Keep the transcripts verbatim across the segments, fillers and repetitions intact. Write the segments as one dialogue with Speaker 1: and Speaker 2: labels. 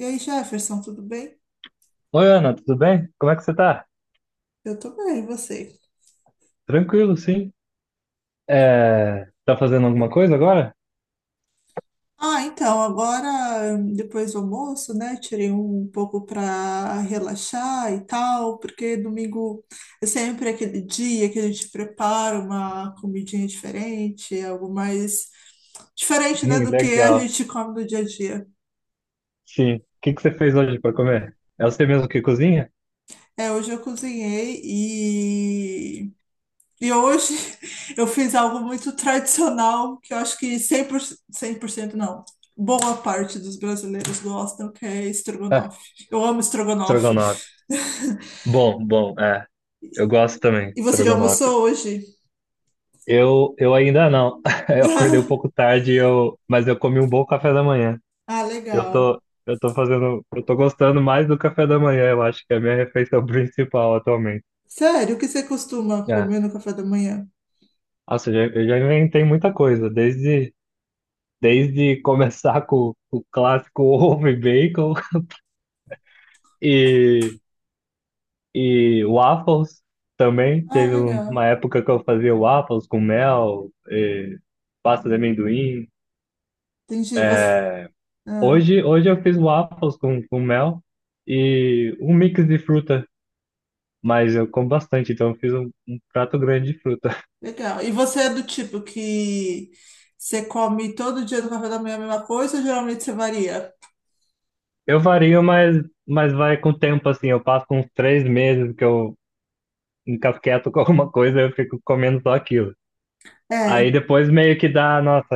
Speaker 1: E aí, Jefferson, tudo bem?
Speaker 2: Oi, Ana, tudo bem? Como é que você tá?
Speaker 1: Eu tô bem, e você?
Speaker 2: Tranquilo, sim. É, tá fazendo alguma coisa agora?
Speaker 1: Ah, então, agora, depois do almoço, né, tirei um pouco para relaxar e tal, porque domingo é sempre aquele dia que a gente prepara uma comidinha diferente, algo mais diferente, né,
Speaker 2: Ih,
Speaker 1: do que a
Speaker 2: legal.
Speaker 1: gente come no dia a dia.
Speaker 2: Sim. O que que você fez hoje para comer? É você mesmo que cozinha?
Speaker 1: É, hoje eu cozinhei. E hoje eu fiz algo muito tradicional que eu acho que cem por cento cem por cento não. Boa parte dos brasileiros gostam, que é
Speaker 2: Ah,
Speaker 1: estrogonofe. Eu amo estrogonofe.
Speaker 2: estrogonofe. Bom, bom, é. Eu gosto também,
Speaker 1: E
Speaker 2: de
Speaker 1: você já
Speaker 2: estrogonofe.
Speaker 1: almoçou hoje?
Speaker 2: Eu, eu ainda não. Eu acordei um pouco tarde, eu, mas eu comi um bom café da manhã.
Speaker 1: Ah,
Speaker 2: Eu
Speaker 1: legal.
Speaker 2: tô, eu tô fazendo, eu tô gostando mais do café da manhã, eu acho que é a minha refeição principal atualmente.
Speaker 1: Sério, o que você costuma
Speaker 2: É.
Speaker 1: comer no café da manhã?
Speaker 2: Nossa, eu já, eu já inventei muita coisa, desde Desde começar com o clássico ovo e bacon e, e waffles também.
Speaker 1: Ah,
Speaker 2: Teve uma
Speaker 1: legal.
Speaker 2: época que eu fazia waffles com mel, e pasta de amendoim.
Speaker 1: Entendi. Você...
Speaker 2: É,
Speaker 1: Ah,
Speaker 2: hoje, hoje eu fiz waffles com, com mel e um mix de fruta, mas eu como bastante, então eu fiz um, um prato grande de fruta.
Speaker 1: legal. E você é do tipo que você come todo dia no café da manhã a mesma coisa ou geralmente você varia?
Speaker 2: Eu vario, mas, mas vai com o tempo, assim. Eu passo uns três meses que eu encasqueto com alguma coisa, eu fico comendo só aquilo. Aí
Speaker 1: É.
Speaker 2: depois meio que dá, nossa,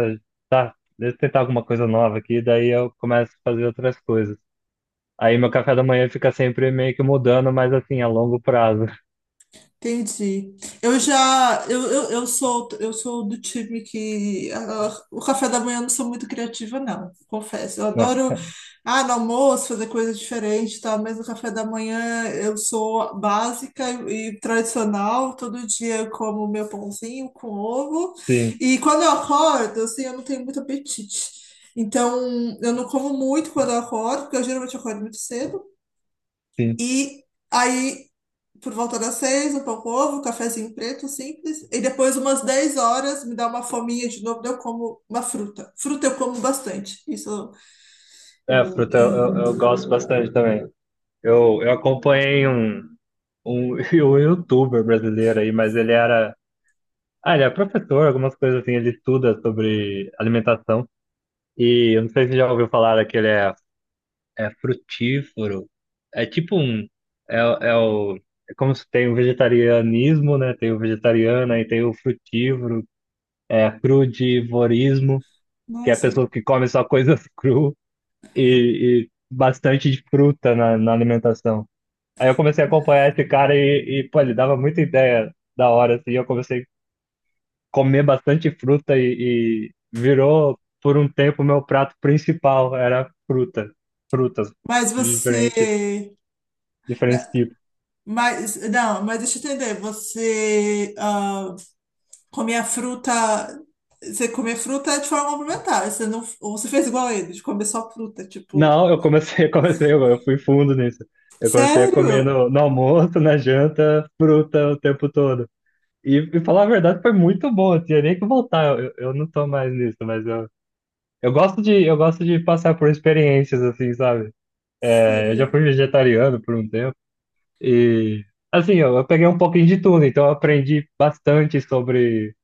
Speaker 2: deixa eu tentar alguma coisa nova aqui, daí eu começo a fazer outras coisas. Aí meu café da manhã fica sempre meio que mudando, mas assim, a longo prazo.
Speaker 1: Entendi. Eu já, eu, eu, eu sou, eu sou do time que ah, o café da manhã eu não sou muito criativa, não, confesso. Eu
Speaker 2: Não,
Speaker 1: adoro, ah, no almoço fazer coisa diferente, tá? Mas no café da manhã eu sou básica e, e tradicional. Todo dia eu como meu pãozinho com ovo.
Speaker 2: sim,
Speaker 1: E quando eu acordo, assim, eu não tenho muito apetite. Então, eu não como muito quando eu acordo, porque eu geralmente acordo muito cedo.
Speaker 2: sim.
Speaker 1: E aí por volta das seis, um pão com ovo, um cafezinho preto, simples. E depois, umas dez horas, me dá uma fominha de novo, daí eu como uma fruta. Fruta eu como bastante. Isso
Speaker 2: É,
Speaker 1: eu.
Speaker 2: fruta eu,
Speaker 1: É,
Speaker 2: eu, eu gosto bastante também. Eu, eu acompanhei um, um, um youtuber brasileiro aí, mas ele era. Ah, ele é professor, algumas coisas assim, ele estuda sobre alimentação. E eu não sei se você já ouviu falar daquele é é frutífero. É tipo um. É, é o. É como se tem o vegetarianismo, né? Tem o vegetariano, aí tem o frutívoro, é crudivorismo, que é a
Speaker 1: nossa.
Speaker 2: pessoa que come só coisas cru e, e bastante de fruta na, na alimentação. Aí eu comecei a acompanhar esse cara e, e, pô, ele dava muita ideia da hora, assim. Eu comecei a comer bastante fruta e, e virou, por um tempo, meu prato principal era fruta, frutas
Speaker 1: Mas
Speaker 2: diferentes.
Speaker 1: você.
Speaker 2: Diferentes
Speaker 1: Na-
Speaker 2: tipos.
Speaker 1: Mas, não, mas deixa eu entender. Você ah, come a fruta. Você come a fruta de forma complementar. Você não, ou você fez igual a ele, de comer só fruta. Tipo,
Speaker 2: Não, eu comecei, eu comecei, eu fui fundo nisso. Eu comecei a comer
Speaker 1: sério?
Speaker 2: no, no almoço, na janta, fruta o tempo todo. E, e falar a verdade, foi muito bom. Eu tinha nem que voltar. Eu, eu não tô mais nisso, mas eu, eu gosto de, eu gosto de passar por experiências assim, sabe? É, eu já
Speaker 1: Sim.
Speaker 2: fui vegetariano por um tempo e assim, eu, eu peguei um pouquinho de tudo, então eu aprendi bastante sobre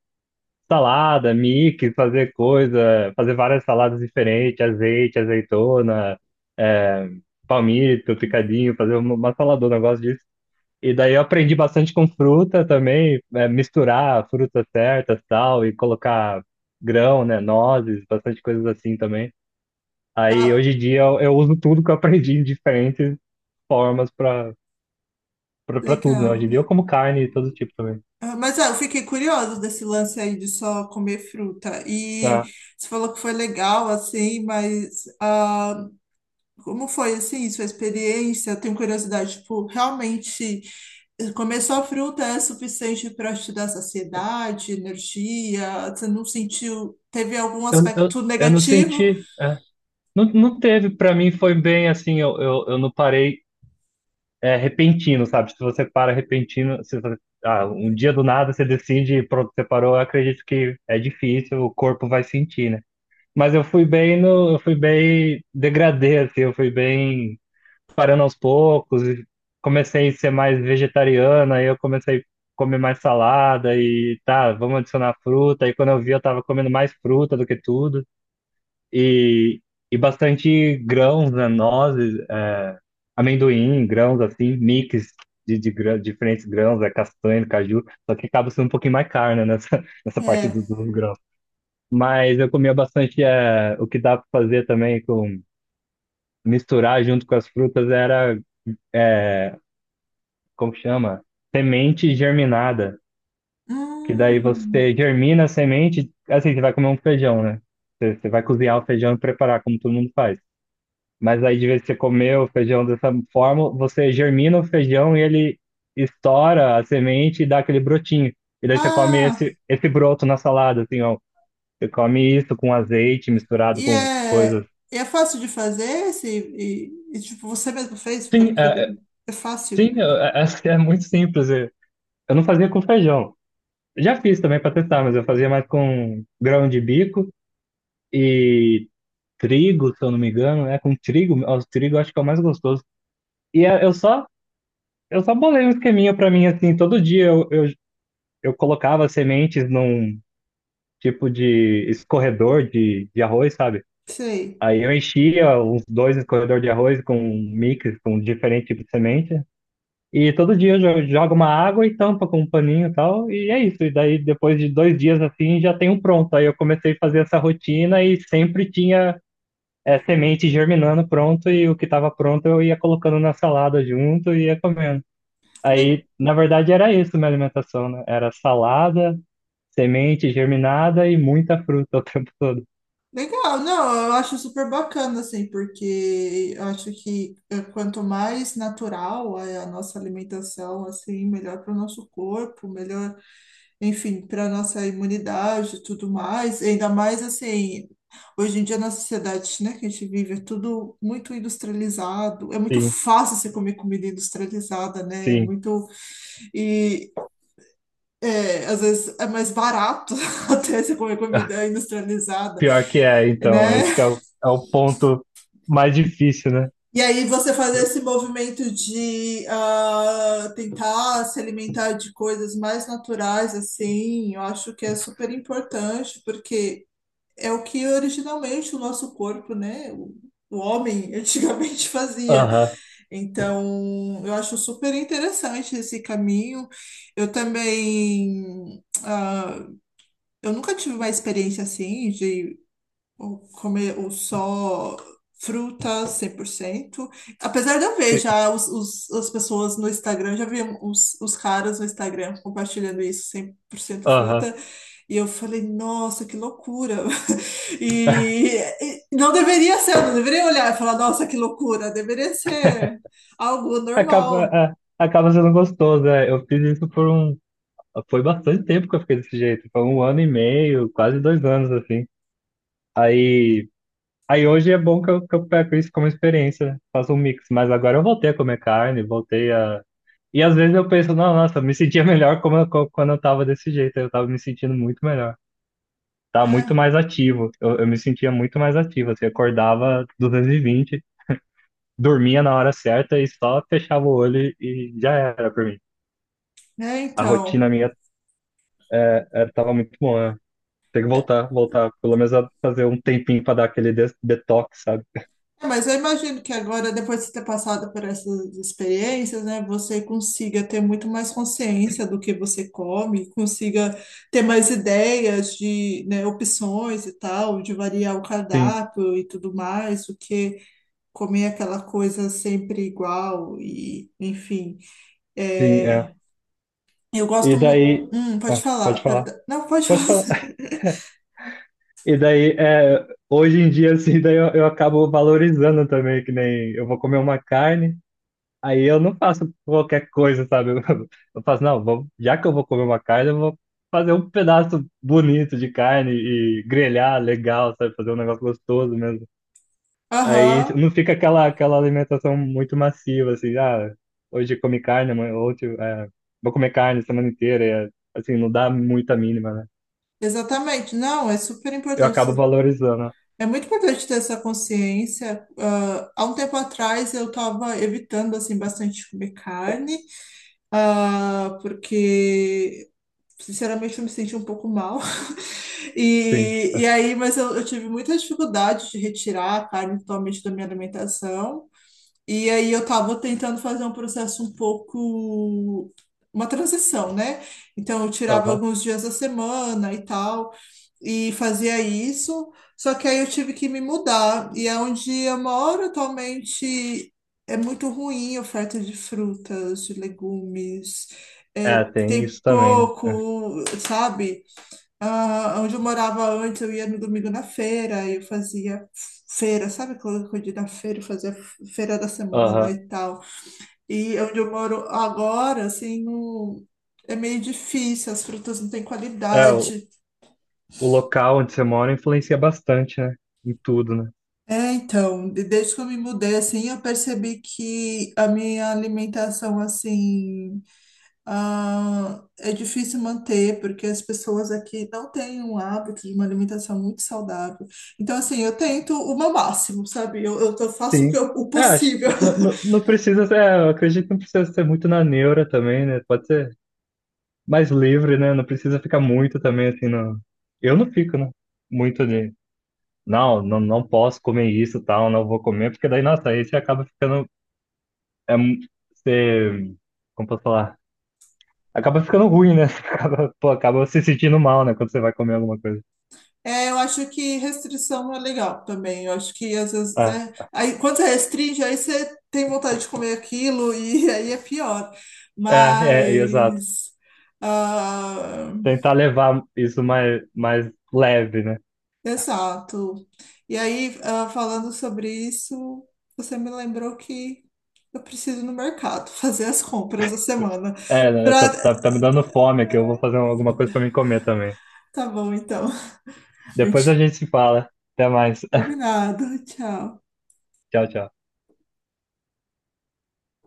Speaker 2: salada, mix, fazer coisa, fazer várias saladas diferentes, azeite, azeitona, é, palmito, picadinho, fazer uma, uma saladona, eu gosto disso. E daí eu aprendi bastante com fruta também, é, misturar frutas certas, tal, e colocar grão, né, nozes, bastante coisas assim também. Aí
Speaker 1: Ah,
Speaker 2: hoje em dia eu, eu uso tudo que eu aprendi em diferentes formas para para tudo, né? Hoje
Speaker 1: legal.
Speaker 2: em dia eu como carne de todo tipo também.
Speaker 1: Ah, mas ah, eu fiquei curioso desse lance aí de só comer fruta. E
Speaker 2: É.
Speaker 1: você falou que foi legal, assim, mas ah, como foi, assim, sua experiência? Eu tenho curiosidade, tipo, realmente eh, comer só fruta é suficiente para te dar saciedade, energia? Você não sentiu, teve algum
Speaker 2: Eu, eu,
Speaker 1: aspecto
Speaker 2: eu não
Speaker 1: negativo?
Speaker 2: senti. Não, não teve, pra mim foi bem assim, eu, eu, eu não parei é, repentino, sabe? Se você para repentino, se você- ah, um dia do nada você decide, pronto, você parou, eu acredito que é difícil, o corpo vai sentir, né? Mas eu fui bem no, eu fui bem degradê, assim, eu fui bem parando aos poucos, e comecei a ser mais vegetariana, aí eu comecei a comer mais salada e tá, vamos adicionar fruta, aí quando eu vi eu tava comendo mais fruta do que tudo e, e bastante grãos, né, nozes, é, amendoim, grãos assim, mix de, de grã- diferentes grãos, é, castanha, caju, só que acaba sendo um pouquinho mais carne nessa, nessa parte
Speaker 1: É.
Speaker 2: do- dos grãos. Mas eu comia bastante, é, o que dá para fazer também com misturar junto com as frutas era, é, como chama? Semente germinada. Que daí
Speaker 1: Hum.
Speaker 2: você germina a semente, assim, você vai comer um feijão, né? Você, você vai cozinhar o feijão e preparar, como todo mundo faz. Mas aí, de vez que você comer o feijão dessa forma, você germina o feijão e ele estoura a semente e dá aquele brotinho. E daí você come
Speaker 1: Ah,
Speaker 2: esse, esse broto na salada, assim, ó. Você come isso com azeite misturado
Speaker 1: e
Speaker 2: com
Speaker 1: é,
Speaker 2: coisas.
Speaker 1: e é fácil de fazer? Esse, e, e, tipo, você mesmo fez?
Speaker 2: Sim,
Speaker 1: Foi-
Speaker 2: é, é-
Speaker 1: foi- É fácil?
Speaker 2: sim, eu é- acho que é muito simples. Eu eu não fazia com feijão. Eu já fiz também para testar, mas eu fazia mais com grão de bico e trigo, se eu não me engano, né? Com trigo, ó, o trigo eu acho que é o mais gostoso. E é- eu só, eu só bolei um esqueminha para mim, assim, todo dia eu, eu eu colocava sementes num tipo de escorredor de, de arroz, sabe?
Speaker 1: Sei.
Speaker 2: Aí eu enchia uns dois escorredor de arroz com um mix, com diferente tipo de semente. E todo dia eu jo- jogo uma água e tampa com um paninho e tal. E é isso. E daí depois de dois dias assim já tem um pronto. Aí eu comecei a fazer essa rotina e sempre tinha é, semente germinando pronto. E o que estava pronto eu ia colocando na salada junto e ia comendo.
Speaker 1: Le-
Speaker 2: Aí, na verdade, era isso minha alimentação, né? Era salada, semente germinada e muita fruta o tempo todo.
Speaker 1: Legal, não, eu acho super bacana, assim, porque eu acho que eh, quanto mais natural é a nossa alimentação, assim, melhor para o nosso corpo, melhor, enfim, para a nossa imunidade e tudo mais. Ainda mais, assim, hoje em dia na sociedade, né, que a gente vive, é tudo muito industrializado, é muito
Speaker 2: Sim,
Speaker 1: fácil você comer comida industrializada, né, é
Speaker 2: sim.
Speaker 1: muito, e... é, às vezes é mais barato até você comer comida industrializada,
Speaker 2: Pior que é, então.
Speaker 1: né?
Speaker 2: Esse que é o, é o ponto mais difícil, né?
Speaker 1: E aí você fazer esse movimento de ah, tentar se alimentar de coisas mais naturais, assim, eu acho que é super importante, porque é o que originalmente o nosso corpo, né? O, o homem antigamente fazia.
Speaker 2: Aham,
Speaker 1: Então, eu acho super interessante esse caminho. Eu também ah, eu nunca tive uma experiência assim de ou comer ou só frutas cem por cento. Apesar de eu ver já os, os- as pessoas no Instagram, já vi os, os caras no Instagram compartilhando isso, cem por cento
Speaker 2: aham.
Speaker 1: fruta, e eu falei, nossa, que loucura. E, e não deveria ser, eu não deveria olhar e falar, nossa, que loucura, deveria ser algo
Speaker 2: Acaba,
Speaker 1: normal.
Speaker 2: é, é, acaba sendo gostoso, né? Eu fiz isso por um. Foi bastante tempo que eu fiquei desse jeito. Foi um ano e meio, quase dois anos, assim. Aí. Aí hoje é bom que eu, que eu pego isso como experiência, né? Faço um mix. Mas agora eu voltei a comer carne, voltei a. E às vezes eu penso, não, nossa, eu me sentia melhor como eu- co- quando eu tava desse jeito. Eu tava me sentindo muito melhor. Tava muito mais ativo. Eu, eu me sentia muito mais ativo. Assim, acordava duzentos e vinte, dormia na hora certa e só fechava o olho e já era pra mim.
Speaker 1: Né, é
Speaker 2: A rotina
Speaker 1: então.
Speaker 2: minha é, é, tava muito boa. Né? Tem que voltar, voltar. Pelo menos a fazer um tempinho pra dar aquele des- detox, sabe?
Speaker 1: É, mas eu imagino que agora, depois de ter passado por essas experiências, né, você consiga ter muito mais consciência do que você come, consiga ter mais ideias de, né, opções e tal, de variar o
Speaker 2: Sim,
Speaker 1: cardápio e tudo mais, do que comer aquela coisa sempre igual e, enfim.
Speaker 2: sim,
Speaker 1: É,
Speaker 2: é.
Speaker 1: eu gosto.
Speaker 2: E
Speaker 1: Mu-
Speaker 2: daí.
Speaker 1: Hum, pode
Speaker 2: Ah,
Speaker 1: falar,
Speaker 2: pode falar.
Speaker 1: perdão. Não, pode falar.
Speaker 2: Pode falar. E daí, é, hoje em dia, assim, daí eu, eu acabo valorizando também, que nem eu vou comer uma carne, aí eu não faço qualquer coisa, sabe? Eu, eu faço, não, vou, já que eu vou comer uma carne, eu vou fazer um pedaço bonito de carne e grelhar legal, sabe? Fazer um negócio gostoso mesmo. Aí
Speaker 1: Aham,
Speaker 2: não fica aquela, aquela alimentação muito massiva, assim, ah, hoje comi carne, amanhã- ontem, é, vou comer carne a semana inteira, e, é, assim, não dá muita mínima, né?
Speaker 1: exatamente. Não, é super
Speaker 2: Eu
Speaker 1: importante.
Speaker 2: acabo valorizando.
Speaker 1: É muito importante ter essa consciência. Ah, há um tempo atrás eu estava evitando assim bastante comer carne, ah, porque sinceramente eu me senti um pouco mal.
Speaker 2: Sim.
Speaker 1: E, e aí, mas eu, eu tive muita dificuldade de retirar a carne totalmente da minha alimentação. E aí eu estava tentando fazer um processo um pouco uma transição, né? Então eu tirava
Speaker 2: Aham.
Speaker 1: alguns dias da semana e tal e fazia isso, só que aí eu tive que me mudar. E é onde eu moro atualmente é muito ruim a oferta de frutas, de legumes,
Speaker 2: É,
Speaker 1: é,
Speaker 2: tem
Speaker 1: tem
Speaker 2: isso também, né? É.
Speaker 1: pouco, sabe? Ah, onde eu morava antes, eu ia no domingo na feira, eu fazia feira, sabe? Quando eu ia na feira, eu fazia feira da semana
Speaker 2: Aham.
Speaker 1: e tal. E onde eu moro agora, assim, não- é meio difícil, as frutas não têm
Speaker 2: É, o,
Speaker 1: qualidade.
Speaker 2: o local onde você mora influencia bastante, né? Em tudo, né?
Speaker 1: É, então, de- desde que eu me mudei, assim, eu percebi que a minha alimentação, assim, ah, é difícil manter, porque as pessoas aqui não têm um hábito de uma alimentação muito saudável. Então, assim, eu tento o meu máximo, sabe? Eu, eu tô- faço o que
Speaker 2: Sim.
Speaker 1: eu- o
Speaker 2: É, acho que
Speaker 1: possível.
Speaker 2: não, não, não precisa ser, é, eu acredito que não precisa ser muito na neura também, né? Pode ser mais livre, né? Não precisa ficar muito também, assim, não. Eu não fico, né? Muito de, não, não, não posso comer isso, tal, não vou comer, porque daí, nossa, aí você acaba ficando, é, mu- você, como posso falar? Acaba ficando ruim, né? Você acaba, pô, acaba se sentindo mal, né? Quando você vai comer alguma coisa.
Speaker 1: É, eu acho que restrição é legal também. Eu acho que às vezes,
Speaker 2: Ah,
Speaker 1: né? Aí, quando você restringe, aí você tem vontade de comer aquilo e aí é pior.
Speaker 2: é, é, é, exato.
Speaker 1: Mas. Ah,
Speaker 2: Tentar levar isso mais, mais leve, né?
Speaker 1: exato. E aí, ah, falando sobre isso, você me lembrou que eu preciso ir no mercado fazer as compras da semana.
Speaker 2: É, né, tá,
Speaker 1: Pra...
Speaker 2: tá, tá me dando fome aqui. Eu vou fazer alguma coisa pra mim comer também.
Speaker 1: Tá bom, então. A
Speaker 2: Depois a
Speaker 1: gente
Speaker 2: gente se fala. Até mais.
Speaker 1: combinado. Tchau.
Speaker 2: Tchau, tchau.